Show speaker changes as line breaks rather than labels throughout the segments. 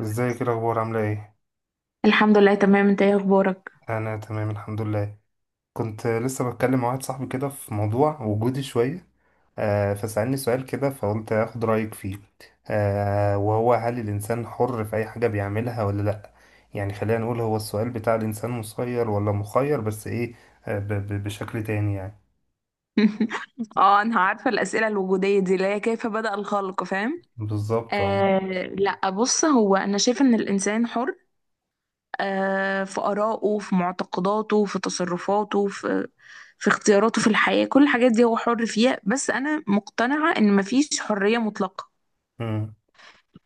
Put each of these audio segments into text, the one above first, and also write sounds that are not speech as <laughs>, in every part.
ازيك، ايه الاخبار؟ عامله ايه؟
الحمد لله، تمام. انت ايه اخبارك؟
انا تمام الحمد لله. كنت لسه بتكلم مع واحد صاحبي كده في موضوع وجودي شويه. فسألني سؤال كده فقلت اخد رايك فيه. وهو هل الانسان حر في اي حاجه بيعملها ولا لا؟ يعني خلينا نقول هو السؤال بتاع الانسان مسير ولا مخير، بس ايه، بشكل تاني يعني.
<laughs> اه، انا عارفه الاسئله الوجوديه دي اللي هي كيف بدأ الخلق، فاهم؟
بالظبط، اه.
آه. لا، بص، هو انا شايفه ان الانسان حر، في ارائه، في معتقداته، في تصرفاته، في اختياراته، في الحياه. كل الحاجات دي هو حر فيها، بس انا مقتنعه ان مفيش حريه مطلقه.
مم،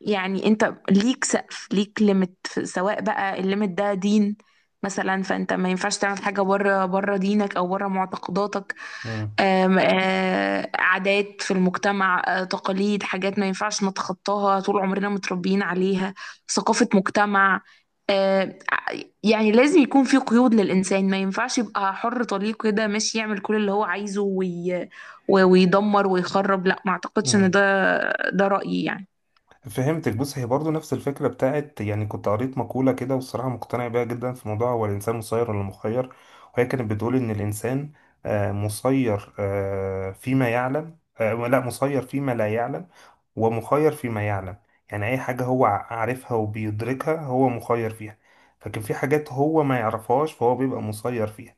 يعني انت ليك سقف، ليك ليميت، سواء بقى الليميت ده دين مثلا، فانت ما ينفعش تعمل حاجه بره دينك او بره معتقداتك.
مم،
عادات في المجتمع، تقاليد، حاجات ما ينفعش نتخطاها، طول عمرنا متربيين عليها. ثقافة مجتمع. آه، ع- يعني لازم يكون في قيود للإنسان، ما ينفعش يبقى حر طليق كده ماشي يعمل كل اللي هو عايزه ويدمر ويخرب. لا، ما أعتقدش إن
مم.
ده. ده رأيي يعني.
فهمتك. بص، هي برضو نفس الفكرة بتاعت، يعني كنت قريت مقولة كده والصراحة مقتنع بيها جدا، في موضوع هو الإنسان مسير ولا مخير. وهي كانت بتقول إن الإنسان مسير فيما يعلم، لا مسير فيما لا يعلم، ومخير فيما يعلم. يعني أي حاجة هو عارفها وبيدركها هو مخير فيها. لكن في حاجات هو ما يعرفهاش فهو بيبقى مسير فيها.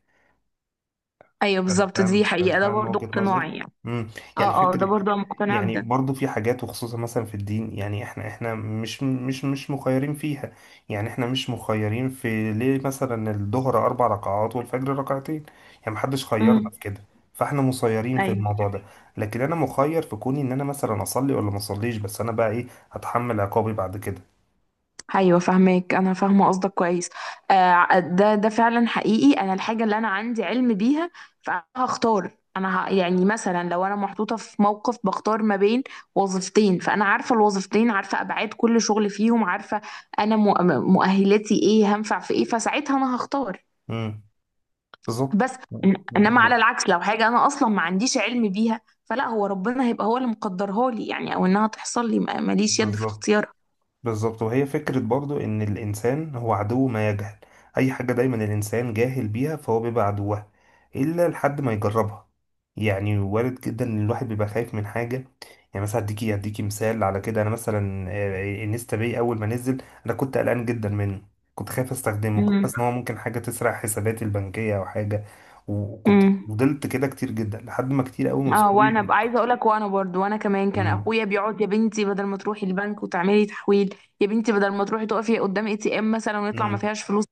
أيوه، بالظبط،
فاهم،
دي حقيقة، ده
فاهم
برضو
وجهة نظر.
اقتناعي يعني.
امم. يعني
اه، اه، ده
فكرة.
برضو أنا مقتنعة
يعني
بده.
برضو في حاجات وخصوصا مثلا في الدين، يعني احنا مش مخيرين فيها. يعني احنا مش مخيرين في ليه مثلا الظهر اربع ركعات والفجر ركعتين. يعني محدش خيرنا
امم.
في كده. فاحنا مسيرين في
أيوه.
الموضوع ده. لكن انا مخير في كوني ان انا مثلا اصلي ولا ما اصليش، بس انا بقى ايه هتحمل عقابي بعد كده.
ايوه، فاهمك، انا فاهمه قصدك كويس. ده فعلا حقيقي، انا الحاجه اللي انا عندي علم بيها، فهختار. يعني مثلا لو انا محطوطه في موقف، بختار ما بين وظيفتين، فانا عارفه الوظيفتين، عارفه ابعاد كل شغل فيهم، عارفه انا مؤهلاتي ايه، هنفع في ايه، فساعتها انا هختار.
امم. بالظبط.
بس انما على العكس، لو حاجه انا اصلا ما عنديش علم بيها، فلا، هو ربنا هيبقى هو اللي مقدرها لي، يعني او انها تحصل لي، ماليش يد في
بالظبط.
اختيارها.
بالظبط، وهي فكرة برضو إن الإنسان هو عدو ما يجهل. أي حاجة دايما الإنسان جاهل بيها فهو بيبقى عدوها، إلا لحد ما يجربها. يعني وارد جدا إن الواحد بيبقى خايف من حاجة. يعني مثلا أديكي مثال على كده، أنا مثلا انستا باي أول ما نزل أنا كنت قلقان جدا منه. كنت خايف أستخدمه، كنت حاسس إن هو ممكن حاجة تسرق حساباتي البنكية أو حاجة. وكنت
امم.
فضلت كده كتير جدا لحد ما كتير أوي من
اه،
صحابي.
وانا عايزه اقول لك، وانا برضو، وانا كمان كان
مم.
اخويا بيقعد: يا بنتي، بدل ما تروحي البنك وتعملي تحويل، يا بنتي بدل ما تروحي تقفي قدام ATM مثلا، ويطلع ما
مم.
فيهاش فلوس.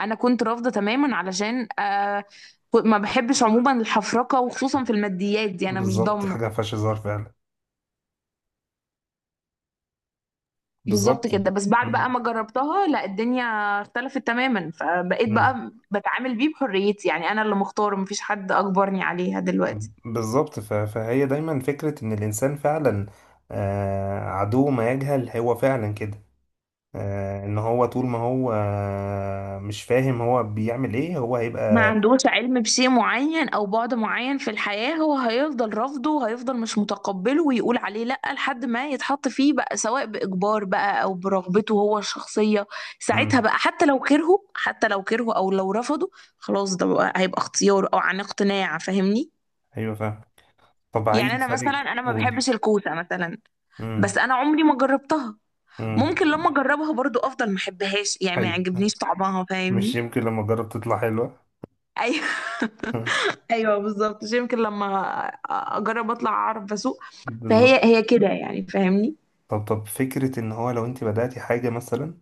انا كنت رافضه تماما، علشان ما بحبش عموما الحفرقه، وخصوصا في الماديات، دي انا مش
بالظبط،
ضامنه.
حاجة مفيهاش هزار فعلا.
بالظبط
بالظبط.
كده. بس بعد بقى
مم.
ما جربتها، لا، الدنيا اختلفت تماما، فبقيت
مم.
بقى بتعامل بيه بحريتي، يعني انا اللي مختاره، مفيش حد اجبرني عليها دلوقتي.
بالظبط، فهي دايما فكرة إن الإنسان فعلا عدو ما يجهل، هو فعلا كده. إن هو طول ما هو مش فاهم هو بيعمل إيه، هو
ما
هيبقى.
عندوش علم بشيء معين او بعد معين في الحياة، هو هيفضل رافضه وهيفضل مش متقبله ويقول عليه لأ، لحد ما يتحط فيه بقى، سواء بإجبار بقى او برغبته هو الشخصية. ساعتها
مم.
بقى، حتى لو كرهه، حتى لو كرهه او لو رفضه، خلاص، ده بقى هيبقى اختيار او عن اقتناع، فاهمني؟
أيوه، فاهم. طب، عايز
يعني انا مثلا،
أسألك،
انا ما
قولي.
بحبش الكوسة مثلا، بس
مم.
انا عمري ما جربتها،
مم.
ممكن لما اجربها برضو افضل ما احبهاش، يعني ما
أيوه،
يعجبنيش طعمها،
مش
فاهمني؟
يمكن لما أجرب تطلع حلوة؟
ايوه.
<laughs>
<laughs> ايوه بالظبط، عشان يمكن لما اجرب اطلع اعرف اسوق.
بالظبط.
فهي هي كده يعني، فاهمني؟
طب فكرة إن هو لو أنت بدأتي حاجة مثلا،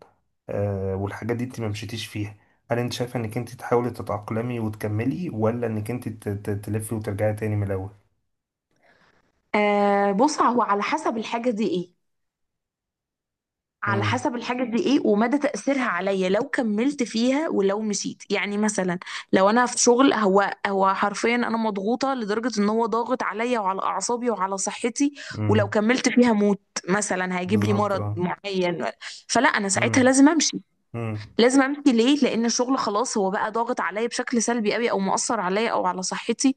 والحاجات دي انت ما مشيتيش فيها، هل انت شايفه انك انت تحاولي تتأقلمي وتكملي، ولا انك انت تلفي وترجعي تاني من الاول؟
آه. بص، هو على حسب الحاجه دي ايه، على
امم،
حسب الحاجه دي ايه ومدى تاثيرها عليا لو كملت فيها ولو مشيت، يعني مثلا لو انا في شغل، هو حرفيا انا مضغوطه لدرجه ان هو ضاغط عليا وعلى اعصابي وعلى صحتي، ولو
امم.
كملت فيها موت، مثلا هيجيب لي
بالظبط،
مرض
اه.
معين، فلا، انا
امم،
ساعتها لازم امشي.
امم.
لازم امشي ليه؟ لان الشغل خلاص هو بقى ضاغط عليا بشكل سلبي قوي، او مؤثر عليا او على صحتي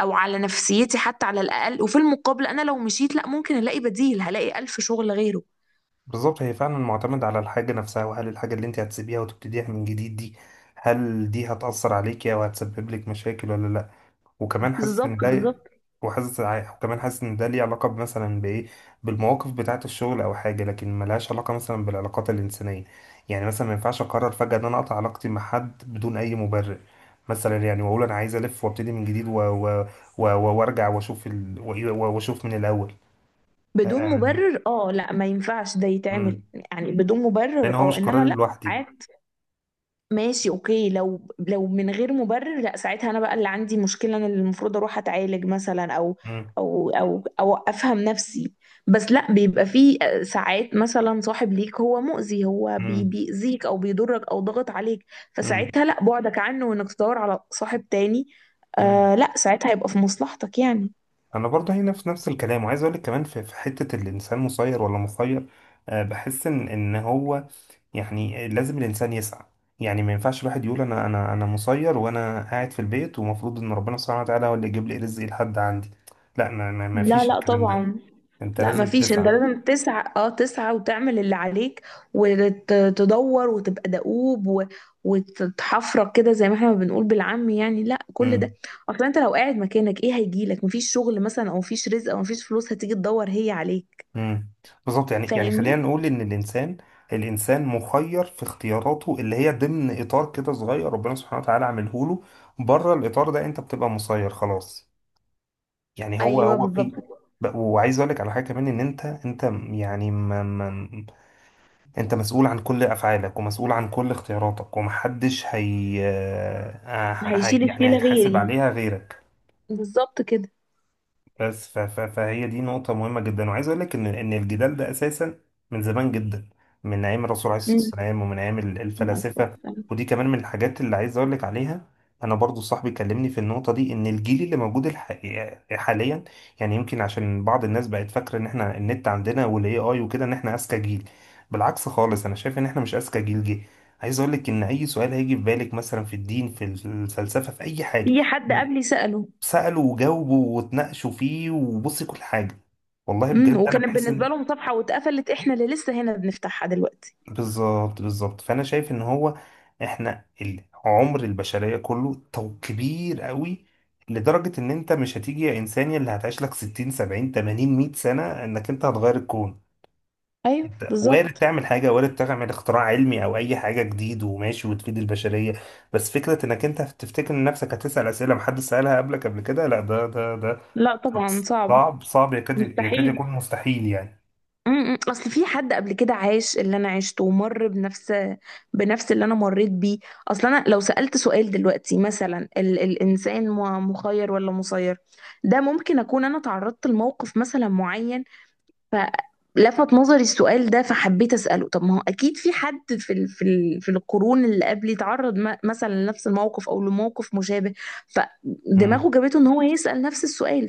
او على نفسيتي حتى على الاقل، وفي المقابل انا لو مشيت، لا، ممكن الاقي بديل، هلاقي الف شغل غيره.
بالظبط، هي فعلا معتمد على الحاجه نفسها، وهل الحاجه اللي انت هتسيبيها وتبتديها من جديد دي، هل دي هتأثر عليكي او هتسبب لك مشاكل ولا لا؟ وكمان حاسس ان
بالظبط،
ده
بالظبط.
وكمان حاسس ان ده ليه علاقة مثلا بايه، بالمواقف بتاعة الشغل او حاجة، لكن ملهاش علاقة مثلا بالعلاقات الانسانية. يعني مثلا ما ينفعش اقرر فجأة ان انا اقطع علاقتي مع حد بدون اي مبرر. مثلا يعني واقول انا عايز الف وابتدي من جديد وارجع واشوف واشوف من الاول.
بدون
آه،
مبرر، لا، ما ينفعش ده
مم.
يتعمل يعني بدون
لان
مبرر،
هو مش قرار
انما لا.
لوحدي.
ماشي، اوكي، لو من غير مبرر، لا، ساعتها انا بقى اللي عندي مشكله، انا اللي المفروض اروح اتعالج مثلا، او
مم.
او او او افهم نفسي. بس لا، بيبقى في ساعات مثلا صاحب ليك هو مؤذي، هو بيأذيك او بيضرك او ضغط عليك،
مم.
فساعتها لا، بعدك عنه وانك تدور على صاحب تاني.
مم.
آه لا، ساعتها هيبقى في مصلحتك يعني.
انا برضه هي نفس الكلام، وعايز اقول لك كمان في حته الانسان مسير ولا مخير، بحس ان هو يعني لازم الانسان يسعى. يعني ما ينفعش الواحد يقول انا مسير وانا قاعد في البيت ومفروض ان ربنا سبحانه وتعالى هو اللي يجيب لي رزقي لحد عندي. لا، ما
لا،
فيش
لا
الكلام ده.
طبعا.
انت
لا،
لازم
مفيش، انت
تسعى.
لازم تسعى، تسعى وتعمل اللي عليك، وتدور وتبقى دؤوب وتتحفرك كده، زي ما احنا ما بنقول بالعامي يعني، لا كل
امم.
ده. اصلا انت لو قاعد مكانك، ايه هيجيلك؟ مفيش شغل مثلا، او مفيش رزق، او مفيش فلوس هتيجي تدور هي عليك،
امم. بالظبط، يعني خلينا
فاهمني؟
نقول ان الانسان مخير في اختياراته اللي هي ضمن اطار كده صغير ربنا سبحانه وتعالى عامله له. بره الاطار ده انت بتبقى مسير خلاص. يعني هو
ايوه
هو
بالظبط،
في وعايز اقول لك على حاجه كمان ان انت يعني ما ما انت مسؤول عن كل افعالك ومسؤول عن كل اختياراتك، ومحدش هي
هيشيل
يعني
الشيله
هيتحاسب
غيري.
عليها غيرك.
بالظبط كده.
بس فهي دي نقطة مهمة جدا، وعايز أقول لك إن الجدال ده أساسا من زمان جدا، من أيام الرسول عليه الصلاة
امم
والسلام، ومن أيام الفلاسفة. ودي كمان من الحاجات اللي عايز أقول لك عليها. أنا برضو صاحبي كلمني في النقطة دي، إن الجيل اللي موجود الحقيقة حاليا، يعني يمكن عشان بعض الناس بقت فاكرة إن إحنا النت عندنا والإي آي وكده، إن إحنا أذكى جيل. بالعكس خالص، أنا شايف إن إحنا مش أذكى جيل جه. عايز أقول لك إن أي سؤال هيجي في بالك مثلا في الدين، في الفلسفة، في أي حاجة،
في حد قبلي سأله.
سألوا وجاوبوا واتناقشوا فيه، وبصي كل حاجة والله بجد، أنا
وكانت
بحس
بالنسبه
إن،
لهم صفحه واتقفلت، احنا اللي لسه هنا بنفتحها دلوقتي.
بالظبط. بالظبط. فأنا شايف إن هو إحنا عمر البشرية كله تو كبير قوي، لدرجة إن أنت مش هتيجي يا إنسان يا اللي هتعيش لك 60 70 80 100 سنة إنك أنت هتغير الكون.
ايوه
أنت وارد
بالظبط.
تعمل حاجة، وارد تعمل اختراع علمي أو أي حاجة جديد وماشي وتفيد البشرية. بس فكرة إنك أنت تفتكر إن نفسك هتسأل أسئلة محدش سألها قبلك قبل كده، لا، ده
لا طبعا، صعب.
صعب، صعب، يكاد يكاد
مستحيل.
يكون مستحيل يعني.
م- م. اصل في حد قبل كده عاش اللي انا عشته، ومر بنفس اللي انا مريت بيه. اصل انا لو سألت سؤال دلوقتي مثلا، الانسان مخير ولا مسير، ده ممكن اكون انا تعرضت لموقف مثلا معين، فلفت نظري السؤال ده، فحبيت أسأله. طب ما هو أكيد في حد في القرون اللي قبل، يتعرض مثلا لنفس الموقف أو لموقف مشابه،
مم.
فدماغه جابته إن هو يسأل نفس السؤال،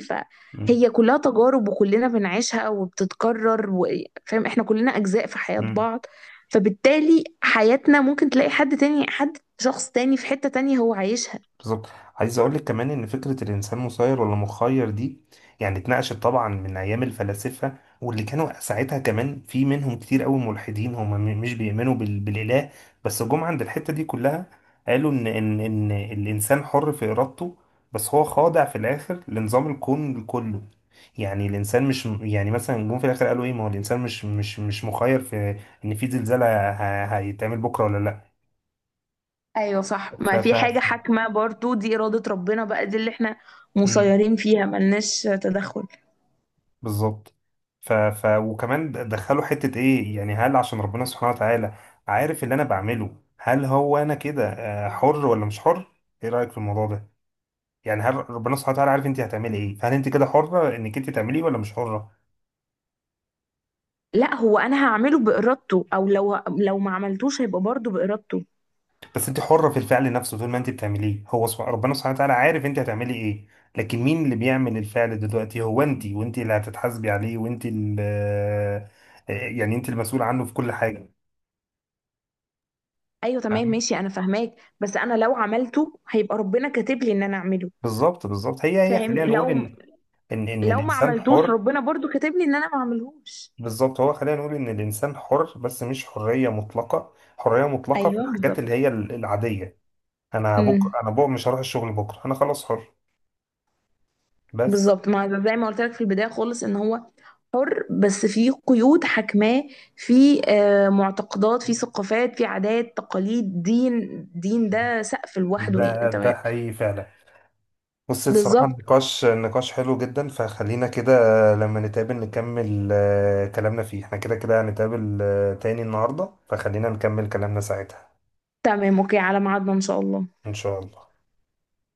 مم.
فهي كلها تجارب وكلنا بنعيشها وبتتكرر. فاهم؟ إحنا كلنا أجزاء في حياة
مم.
بعض، فبالتالي حياتنا ممكن تلاقي حد تاني، حد شخص تاني في حتة تانية هو عايشها.
بالظبط، عايز اقول لك كمان ان فكره الانسان مسير ولا مخير دي، يعني اتناقشت طبعا من ايام الفلاسفه، واللي كانوا ساعتها كمان في منهم كتير قوي ملحدين، هم مش بيؤمنوا بالاله. بس جم عند الحته دي كلها، قالوا ان الانسان حر في ارادته، بس هو خاضع في الاخر لنظام الكون كله. يعني الانسان مش، يعني مثلا جم في الاخر قالوا ايه، ما هو الانسان مش مخير في ان في زلزال هيتعمل بكره ولا لا.
ايوه صح،
ف
ما
ف
في حاجة حاكمة برضو، دي إرادة ربنا بقى، دي اللي احنا مسيرين فيها ملناش تدخل.
بالظبط. وكمان دخلوا حتة ايه، يعني هل عشان ربنا سبحانه وتعالى عارف اللي انا بعمله، هل هو انا كده حر ولا مش حر؟ ايه رأيك في الموضوع ده؟ يعني هل ربنا سبحانه وتعالى عارف انت هتعملي ايه، فهل انت كده حرة انك انت تعمليه ولا مش حرة؟
لا، هو انا هعمله بارادته، او لو ما عملتوش هيبقى برضه بارادته.
بس انت حرة في الفعل نفسه، طول ما انت بتعمليه هو ربنا سبحانه وتعالى عارف انت هتعملي ايه. لكن مين اللي بيعمل الفعل دلوقتي؟ هو انت، وانت اللي هتتحاسبي عليه، وانت اللي يعني انت المسؤول عنه في كل حاجة.
ايوه تمام،
فاهمة؟
ماشي، انا فاهماك، بس انا لو عملته هيبقى ربنا كاتب لي ان انا اعمله.
بالظبط، بالظبط. هي خلينا
فاهمني؟
نقول
لو
ان
لو ما
الانسان
عملتوش
حر.
ربنا برضه كاتب لي ان انا ما اعملهوش.
بالظبط، هو خلينا نقول ان الانسان حر بس مش حريه مطلقه، حريه مطلقه في
ايوه
الحاجات
بالظبط.
اللي هي العاديه. انا
امم.
بكره انا بكره مش هروح الشغل، بكره انا خلاص حر. بس.
بالظبط، ما زي ما قلت لك في البدايه خالص، ان هو حر، بس في قيود حاكماه، في معتقدات، في ثقافات، في عادات، تقاليد، دين. دين ده سقف لوحده يعني،
ده
تمام.
حقيقي فعلا. بص، الصراحه
بالظبط.
النقاش نقاش حلو جدا، فخلينا كده لما نتقابل نكمل كلامنا فيه، احنا كده كده هنتقابل تاني النهارده، فخلينا نكمل كلامنا ساعتها.
تمام، اوكي، على ميعادنا ان شاء الله.
ان شاء الله.